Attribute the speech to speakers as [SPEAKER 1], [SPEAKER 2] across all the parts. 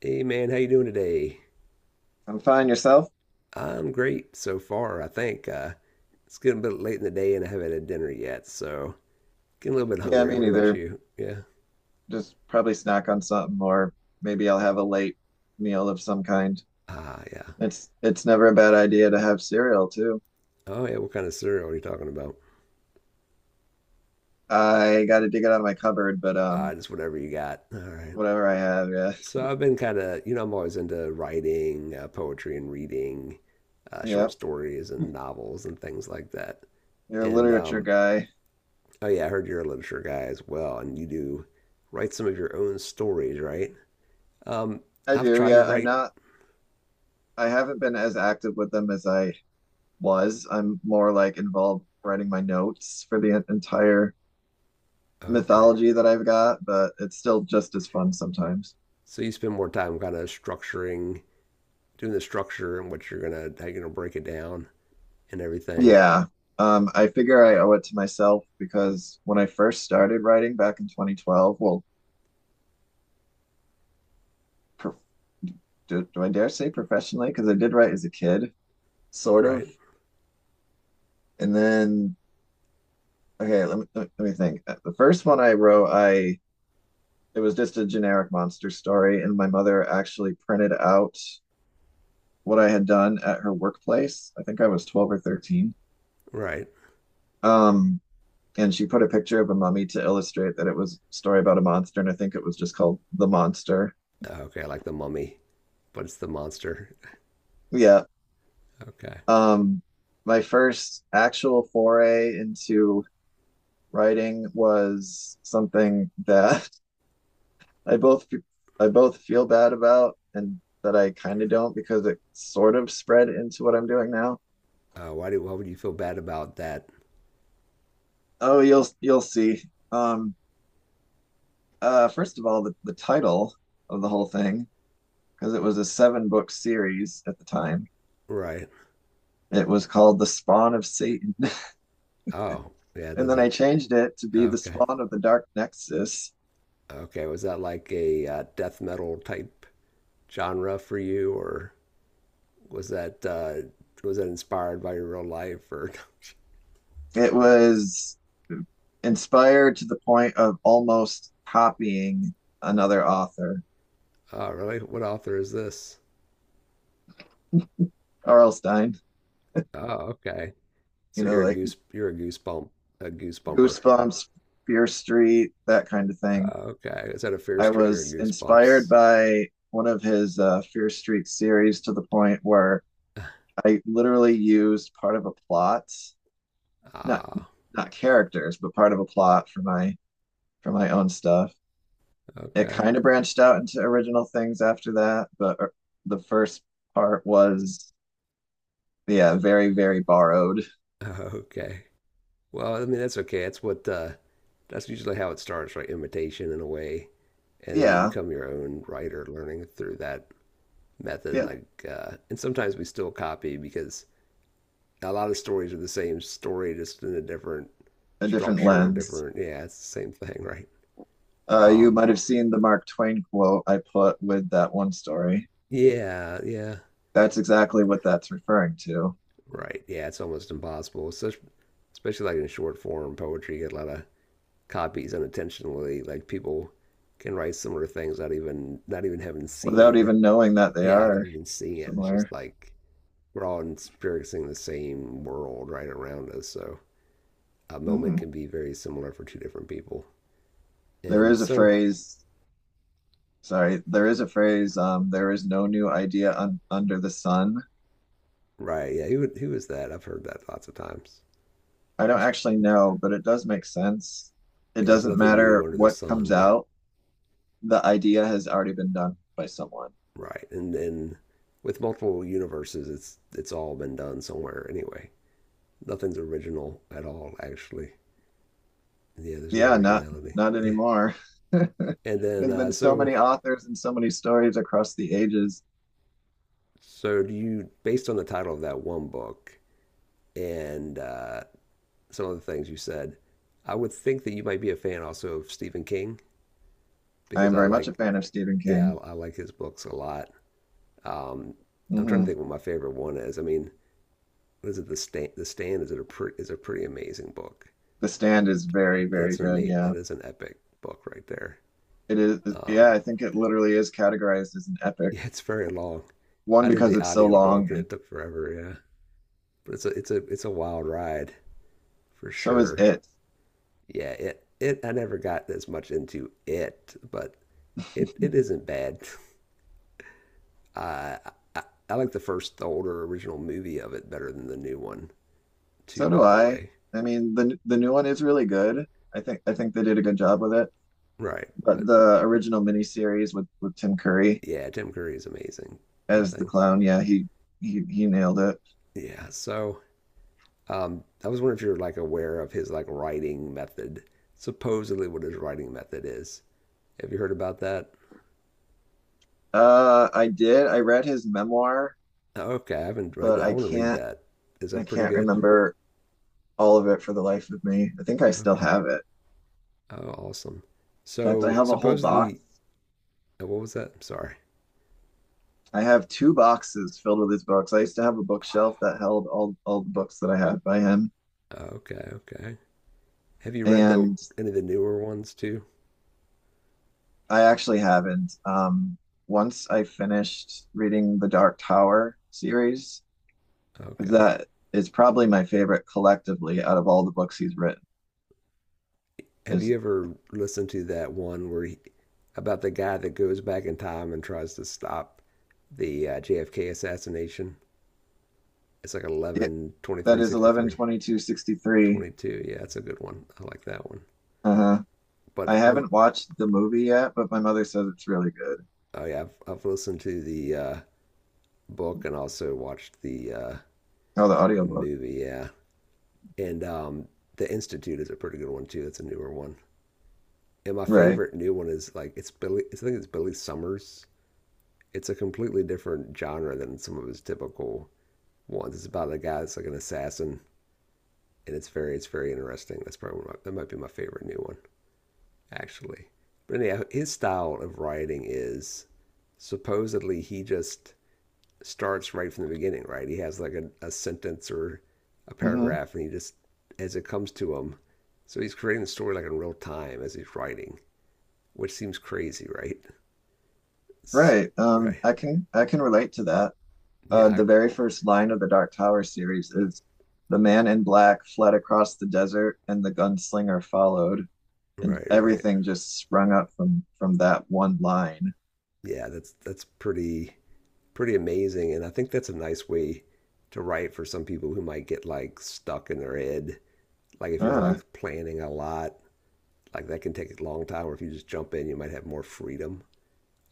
[SPEAKER 1] Hey man, how you doing today?
[SPEAKER 2] I'm fine. Yourself?
[SPEAKER 1] I'm great so far, I think. It's getting a bit late in the day and I haven't had dinner yet, so getting a little bit
[SPEAKER 2] Yeah,
[SPEAKER 1] hungry.
[SPEAKER 2] me
[SPEAKER 1] What about
[SPEAKER 2] neither.
[SPEAKER 1] you? Yeah.
[SPEAKER 2] Just probably snack on something, or maybe I'll have a late meal of some kind.
[SPEAKER 1] Ah, yeah.
[SPEAKER 2] It's never a bad idea to have cereal too.
[SPEAKER 1] Oh yeah, what kind of cereal are you talking about?
[SPEAKER 2] I got to dig it out of my cupboard, but
[SPEAKER 1] Ah, just whatever you got. All right.
[SPEAKER 2] whatever I have, yeah,
[SPEAKER 1] So I've been kind of, I'm always into writing, poetry and reading, short
[SPEAKER 2] yep.
[SPEAKER 1] stories and novels and things like that.
[SPEAKER 2] You're a
[SPEAKER 1] And
[SPEAKER 2] literature guy.
[SPEAKER 1] oh yeah, I heard you're a literature guy as well, and you do write some of your own stories, right? Um,
[SPEAKER 2] I
[SPEAKER 1] I've
[SPEAKER 2] do,
[SPEAKER 1] tried to
[SPEAKER 2] yeah. I'm
[SPEAKER 1] write.
[SPEAKER 2] not. I haven't been as active with them as I was. I'm more like involved writing my notes for the entire
[SPEAKER 1] Okay.
[SPEAKER 2] mythology that I've got, but it's still just as fun sometimes.
[SPEAKER 1] So you spend more time kind of structuring, doing the structure and what you're gonna how you're gonna break it down and everything,
[SPEAKER 2] Yeah. I figure I owe it to myself because when I first started writing back in 2012, well, pro do I dare say professionally? Because I did write as a kid, sort of.
[SPEAKER 1] right?
[SPEAKER 2] And then, okay, let me think. The first one I wrote, I it was just a generic monster story, and my mother actually printed out what I had done at her workplace. I think I was 12 or 13.
[SPEAKER 1] Right.
[SPEAKER 2] Um, and she put a picture of a mummy to illustrate that it was a story about a monster, and I think it was just called The Monster.
[SPEAKER 1] Okay, I like the mummy, but it's the monster.
[SPEAKER 2] Yeah.
[SPEAKER 1] Okay.
[SPEAKER 2] Um, my first actual foray into writing was something that I both I both feel bad about and that I kind of don't because it sort of spread into what I'm doing now.
[SPEAKER 1] Why would you feel bad about that?
[SPEAKER 2] Oh, you'll see. Um, First of all, the title of the whole thing, because it was a seven book series at the time.
[SPEAKER 1] Right.
[SPEAKER 2] It was called The Spawn of Satan.
[SPEAKER 1] Oh, yeah, it
[SPEAKER 2] And then I
[SPEAKER 1] doesn't.
[SPEAKER 2] changed it to be The
[SPEAKER 1] Okay.
[SPEAKER 2] Spawn of the Dark Nexus.
[SPEAKER 1] Okay. Was that like a death metal type genre for you, or was that uh, was that inspired by your real life? Or
[SPEAKER 2] It was inspired to the point of almost copying another author,
[SPEAKER 1] oh, really? What author is this?
[SPEAKER 2] Arlstein,
[SPEAKER 1] Oh, okay. So you're a
[SPEAKER 2] like
[SPEAKER 1] goose. You're a goose bump, a goose bumper.
[SPEAKER 2] Goosebumps, Fear Street, that kind of thing.
[SPEAKER 1] Okay. Is that a fair
[SPEAKER 2] I
[SPEAKER 1] street or a
[SPEAKER 2] was
[SPEAKER 1] goose
[SPEAKER 2] inspired
[SPEAKER 1] bumps?
[SPEAKER 2] by one of his Fear Street series to the point where I literally used part of a plot, not
[SPEAKER 1] Ah.
[SPEAKER 2] not characters, but part of a plot for my own stuff. It
[SPEAKER 1] Okay.
[SPEAKER 2] kind of branched out into original things after that, but the first part was yeah, very, very borrowed.
[SPEAKER 1] Okay. Well, I mean that's okay. That's what. That's usually how it starts, right? Imitation in a way, and then you
[SPEAKER 2] Yeah,
[SPEAKER 1] become your own writer, learning through that method.
[SPEAKER 2] yeah,
[SPEAKER 1] Like, and sometimes we still copy because a lot of stories are the same story, just in a different
[SPEAKER 2] a different
[SPEAKER 1] structure,
[SPEAKER 2] lens.
[SPEAKER 1] different. Yeah, it's the same thing, right?
[SPEAKER 2] You
[SPEAKER 1] Um,
[SPEAKER 2] might have seen the Mark Twain quote I put with that one story.
[SPEAKER 1] yeah, yeah.
[SPEAKER 2] That's exactly what that's referring to,
[SPEAKER 1] Right. Yeah, it's almost impossible. Such, especially like in short form poetry, you get a lot of copies unintentionally. Like people can write similar things not even having
[SPEAKER 2] without
[SPEAKER 1] seen.
[SPEAKER 2] even knowing that they
[SPEAKER 1] Yeah, not
[SPEAKER 2] are
[SPEAKER 1] even seeing it. It's just
[SPEAKER 2] similar.
[SPEAKER 1] like we're all experiencing the same world right around us. So a moment
[SPEAKER 2] Mm.
[SPEAKER 1] can be very similar for two different people.
[SPEAKER 2] There
[SPEAKER 1] And
[SPEAKER 2] is a
[SPEAKER 1] so,
[SPEAKER 2] phrase, there is a phrase, there is no new idea un under the sun.
[SPEAKER 1] right, yeah, who is that? I've heard that lots of times.
[SPEAKER 2] I don't
[SPEAKER 1] Who's,
[SPEAKER 2] actually know, but it does make sense. It
[SPEAKER 1] yeah, there's
[SPEAKER 2] doesn't
[SPEAKER 1] nothing new
[SPEAKER 2] matter
[SPEAKER 1] under the
[SPEAKER 2] what comes
[SPEAKER 1] sun.
[SPEAKER 2] out, the idea has already been done by someone.
[SPEAKER 1] Right. And then with multiple universes, it's all been done somewhere anyway. Nothing's original at all, actually. Yeah, there's no
[SPEAKER 2] Yeah, not
[SPEAKER 1] originality.
[SPEAKER 2] not
[SPEAKER 1] Yeah.
[SPEAKER 2] anymore.
[SPEAKER 1] And then
[SPEAKER 2] There's
[SPEAKER 1] uh,
[SPEAKER 2] been so
[SPEAKER 1] so
[SPEAKER 2] many authors and so many stories across the ages.
[SPEAKER 1] so do you based on the title of that one book and some of the things you said, I would think that you might be a fan also of Stephen King
[SPEAKER 2] I
[SPEAKER 1] because
[SPEAKER 2] am
[SPEAKER 1] I
[SPEAKER 2] very much a
[SPEAKER 1] like.
[SPEAKER 2] fan of Stephen
[SPEAKER 1] Yeah,
[SPEAKER 2] King.
[SPEAKER 1] I like his books a lot. Um, I'm trying to think
[SPEAKER 2] Hmm.
[SPEAKER 1] what my favorite one is. I mean, what is it? The Stand. The Stand is a pretty amazing book.
[SPEAKER 2] The Stand is very, very
[SPEAKER 1] That's an
[SPEAKER 2] good.
[SPEAKER 1] mate.
[SPEAKER 2] Yeah,
[SPEAKER 1] That is an epic book right there.
[SPEAKER 2] it is. Yeah,
[SPEAKER 1] Um,
[SPEAKER 2] I think it literally is categorized as an epic.
[SPEAKER 1] yeah, it's very long.
[SPEAKER 2] One
[SPEAKER 1] I did
[SPEAKER 2] because
[SPEAKER 1] the
[SPEAKER 2] it's so long,
[SPEAKER 1] audiobook and
[SPEAKER 2] and
[SPEAKER 1] it took forever. Yeah, but it's a wild ride for
[SPEAKER 2] so is
[SPEAKER 1] sure.
[SPEAKER 2] it.
[SPEAKER 1] Yeah, it I never got as much into it, but it isn't bad. Uh, I I like the older original movie of it better than the new one too.
[SPEAKER 2] So do
[SPEAKER 1] By the
[SPEAKER 2] I.
[SPEAKER 1] way,
[SPEAKER 2] I mean, the new one is really good. I think they did a good job with it.
[SPEAKER 1] right?
[SPEAKER 2] But
[SPEAKER 1] But
[SPEAKER 2] the original miniseries with Tim Curry
[SPEAKER 1] yeah, Tim Curry is amazing and
[SPEAKER 2] as the
[SPEAKER 1] things.
[SPEAKER 2] clown, yeah, he nailed it.
[SPEAKER 1] Yeah, so I was wondering if you're like aware of his like writing method, supposedly what his writing method is. Have you heard about that?
[SPEAKER 2] I did. I read his memoir,
[SPEAKER 1] Oh, okay, I haven't read
[SPEAKER 2] but
[SPEAKER 1] that. I
[SPEAKER 2] I
[SPEAKER 1] want to read
[SPEAKER 2] can't
[SPEAKER 1] that. Is
[SPEAKER 2] I
[SPEAKER 1] that pretty
[SPEAKER 2] can't
[SPEAKER 1] good?
[SPEAKER 2] remember all of it for the life of me. I think I still
[SPEAKER 1] Okay.
[SPEAKER 2] have it.
[SPEAKER 1] Oh, awesome.
[SPEAKER 2] In fact, I
[SPEAKER 1] So
[SPEAKER 2] have a whole
[SPEAKER 1] supposedly,
[SPEAKER 2] box.
[SPEAKER 1] oh, what was that? I'm sorry.
[SPEAKER 2] I have two boxes filled with his books. I used to have a bookshelf that held all the books that I had by him,
[SPEAKER 1] Oh, okay, okay. Have you read the
[SPEAKER 2] and
[SPEAKER 1] any of the newer ones too?
[SPEAKER 2] I actually haven't. Once I finished reading the Dark Tower series,
[SPEAKER 1] Okay.
[SPEAKER 2] that is probably my favorite collectively out of all the books he's written.
[SPEAKER 1] Have
[SPEAKER 2] Is
[SPEAKER 1] you ever listened to that one where he, about the guy that goes back in time and tries to stop the JFK assassination? It's like
[SPEAKER 2] it
[SPEAKER 1] eleven twenty
[SPEAKER 2] That
[SPEAKER 1] three
[SPEAKER 2] is
[SPEAKER 1] sixty three
[SPEAKER 2] 22/63.
[SPEAKER 1] twenty two. Yeah, that's a good one. I like that one.
[SPEAKER 2] Uh-huh.
[SPEAKER 1] But
[SPEAKER 2] I
[SPEAKER 1] one,
[SPEAKER 2] haven't watched the movie yet, but my mother says it's really good.
[SPEAKER 1] oh yeah, I've listened to the book and also watched the
[SPEAKER 2] Oh, the audiobook.
[SPEAKER 1] movie. Yeah, and the Institute is a pretty good one too. That's a newer one. And my
[SPEAKER 2] Right.
[SPEAKER 1] favorite new one is like it's Billy. I think it's Billy Summers. It's a completely different genre than some of his typical ones. It's about a guy that's like an assassin, and it's very interesting. That's probably one of my, that might be my favorite new one. Actually. But anyhow, his style of writing is supposedly he just starts right from the beginning, right? He has like a sentence or a
[SPEAKER 2] Hmm.
[SPEAKER 1] paragraph, and he just as it comes to him. So he's creating the story like in real time as he's writing, which seems crazy, right? So,
[SPEAKER 2] Right.
[SPEAKER 1] right?
[SPEAKER 2] I can relate to that.
[SPEAKER 1] Yeah. I,
[SPEAKER 2] The very first line of the Dark Tower series is the man in black fled across the desert and the gunslinger followed, and
[SPEAKER 1] right. Right.
[SPEAKER 2] everything just sprung up from that one line.
[SPEAKER 1] Yeah. That's pretty amazing, and I think that's a nice way to write for some people who might get like stuck in their head. Like if you're
[SPEAKER 2] Uh,
[SPEAKER 1] like planning a lot, like that can take a long time, or if you just jump in you might have more freedom.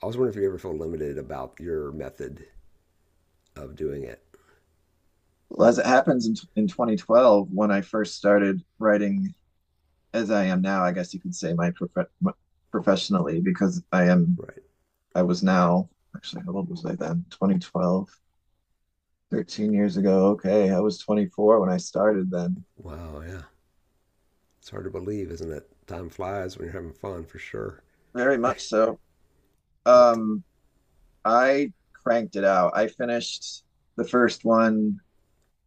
[SPEAKER 1] I was wondering if you ever felt limited about your method of doing it,
[SPEAKER 2] well, as it happens in 2012, when I first started writing as I am now, I guess you could say my- professionally, because I am
[SPEAKER 1] right?
[SPEAKER 2] I was now. Actually, how old was I then? 2012, 13 years ago. Okay. I was 24 when I started then.
[SPEAKER 1] Wow, yeah, it's hard to believe, isn't it? Time flies when you're having fun, for sure.
[SPEAKER 2] Very much so.
[SPEAKER 1] But
[SPEAKER 2] Um, I cranked it out. I finished the first one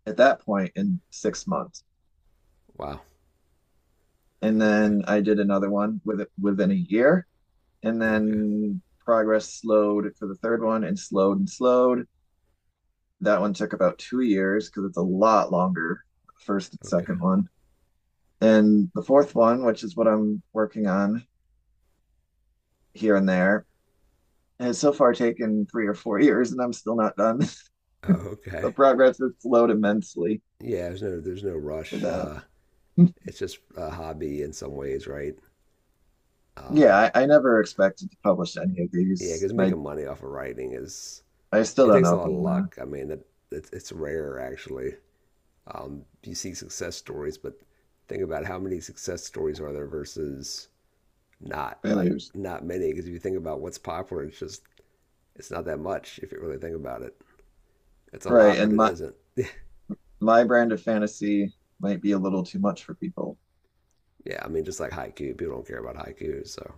[SPEAKER 2] at that point in 6 months.
[SPEAKER 1] wow.
[SPEAKER 2] And
[SPEAKER 1] Okay.
[SPEAKER 2] then I did another one within a year. And
[SPEAKER 1] Okay.
[SPEAKER 2] then progress slowed for the third one and slowed and slowed. That one took about 2 years because it's a lot longer, first and second
[SPEAKER 1] Okay.
[SPEAKER 2] one. And the fourth one, which is what I'm working on here and there, has so far taken 3 or 4 years, and I'm still not done.
[SPEAKER 1] Oh,
[SPEAKER 2] The
[SPEAKER 1] okay.
[SPEAKER 2] progress has slowed immensely
[SPEAKER 1] Yeah, there's no
[SPEAKER 2] for
[SPEAKER 1] rush,
[SPEAKER 2] that.
[SPEAKER 1] it's just a hobby in some ways, right? um
[SPEAKER 2] Yeah, I never expected to publish any of
[SPEAKER 1] yeah,
[SPEAKER 2] these,
[SPEAKER 1] because
[SPEAKER 2] and
[SPEAKER 1] making money off of writing is
[SPEAKER 2] I still
[SPEAKER 1] it
[SPEAKER 2] don't
[SPEAKER 1] takes
[SPEAKER 2] know
[SPEAKER 1] a
[SPEAKER 2] if
[SPEAKER 1] lot of
[SPEAKER 2] I'm gonna.
[SPEAKER 1] luck. I mean that it's rare, actually. You see success stories, but think about how many success stories are there versus not, like,
[SPEAKER 2] Failures.
[SPEAKER 1] not many. Because if you think about what's popular, it's not that much if you really think about it. It's a
[SPEAKER 2] Right,
[SPEAKER 1] lot, but
[SPEAKER 2] and
[SPEAKER 1] it
[SPEAKER 2] my
[SPEAKER 1] isn't.
[SPEAKER 2] my brand of fantasy might be a little too much for people.
[SPEAKER 1] yeah, I mean, just like haiku, people don't care about haiku, so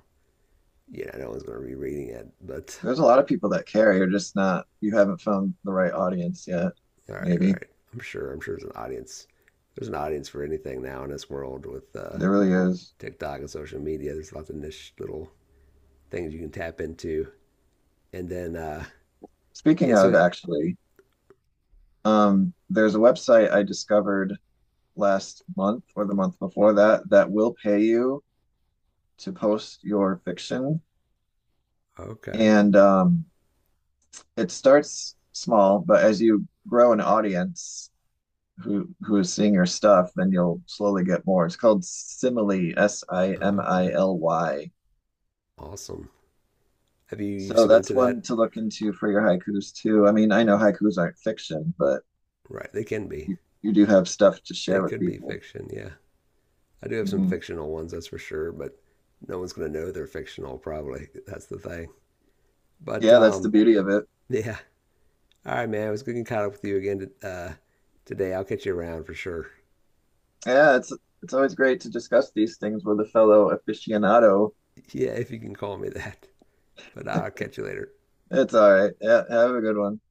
[SPEAKER 1] yeah, no one's going to be reading it. But
[SPEAKER 2] There's a lot of people that care. You're just not. You haven't found the right audience yet.
[SPEAKER 1] all
[SPEAKER 2] Maybe
[SPEAKER 1] right, I'm sure. I'm sure there's an audience. There's an audience for anything now in this world with
[SPEAKER 2] there really is.
[SPEAKER 1] TikTok and social media. There's lots of niche little things you can tap into, and then
[SPEAKER 2] Speaking
[SPEAKER 1] yeah, so
[SPEAKER 2] of,
[SPEAKER 1] it,
[SPEAKER 2] actually, there's a website I discovered last month or the month before that that will pay you to post your fiction.
[SPEAKER 1] okay.
[SPEAKER 2] And it starts small, but as you grow an audience who is seeing your stuff, then you'll slowly get more. It's called Simile, S I M
[SPEAKER 1] Oh,
[SPEAKER 2] I
[SPEAKER 1] okay.
[SPEAKER 2] L Y.
[SPEAKER 1] Awesome. Have you you've
[SPEAKER 2] So
[SPEAKER 1] submitted
[SPEAKER 2] that's
[SPEAKER 1] to
[SPEAKER 2] one
[SPEAKER 1] that?
[SPEAKER 2] to look into for your haikus too. I mean, I know haikus aren't fiction, but
[SPEAKER 1] Right. They can be.
[SPEAKER 2] you do have stuff to
[SPEAKER 1] They
[SPEAKER 2] share with
[SPEAKER 1] could be
[SPEAKER 2] people.
[SPEAKER 1] fiction. Yeah. I do have some
[SPEAKER 2] Hmm.
[SPEAKER 1] fictional ones, that's for sure, but no one's going to know they're fictional, probably. That's the thing. But
[SPEAKER 2] Yeah, that's the beauty of it.
[SPEAKER 1] yeah. All right, man. It was good getting caught up with you again, today. I'll catch you around for sure.
[SPEAKER 2] Yeah, it's always great to discuss these things with a fellow aficionado.
[SPEAKER 1] Yeah, if you can call me that. But I'll catch you later.
[SPEAKER 2] It's all right. Yeah, have a good one.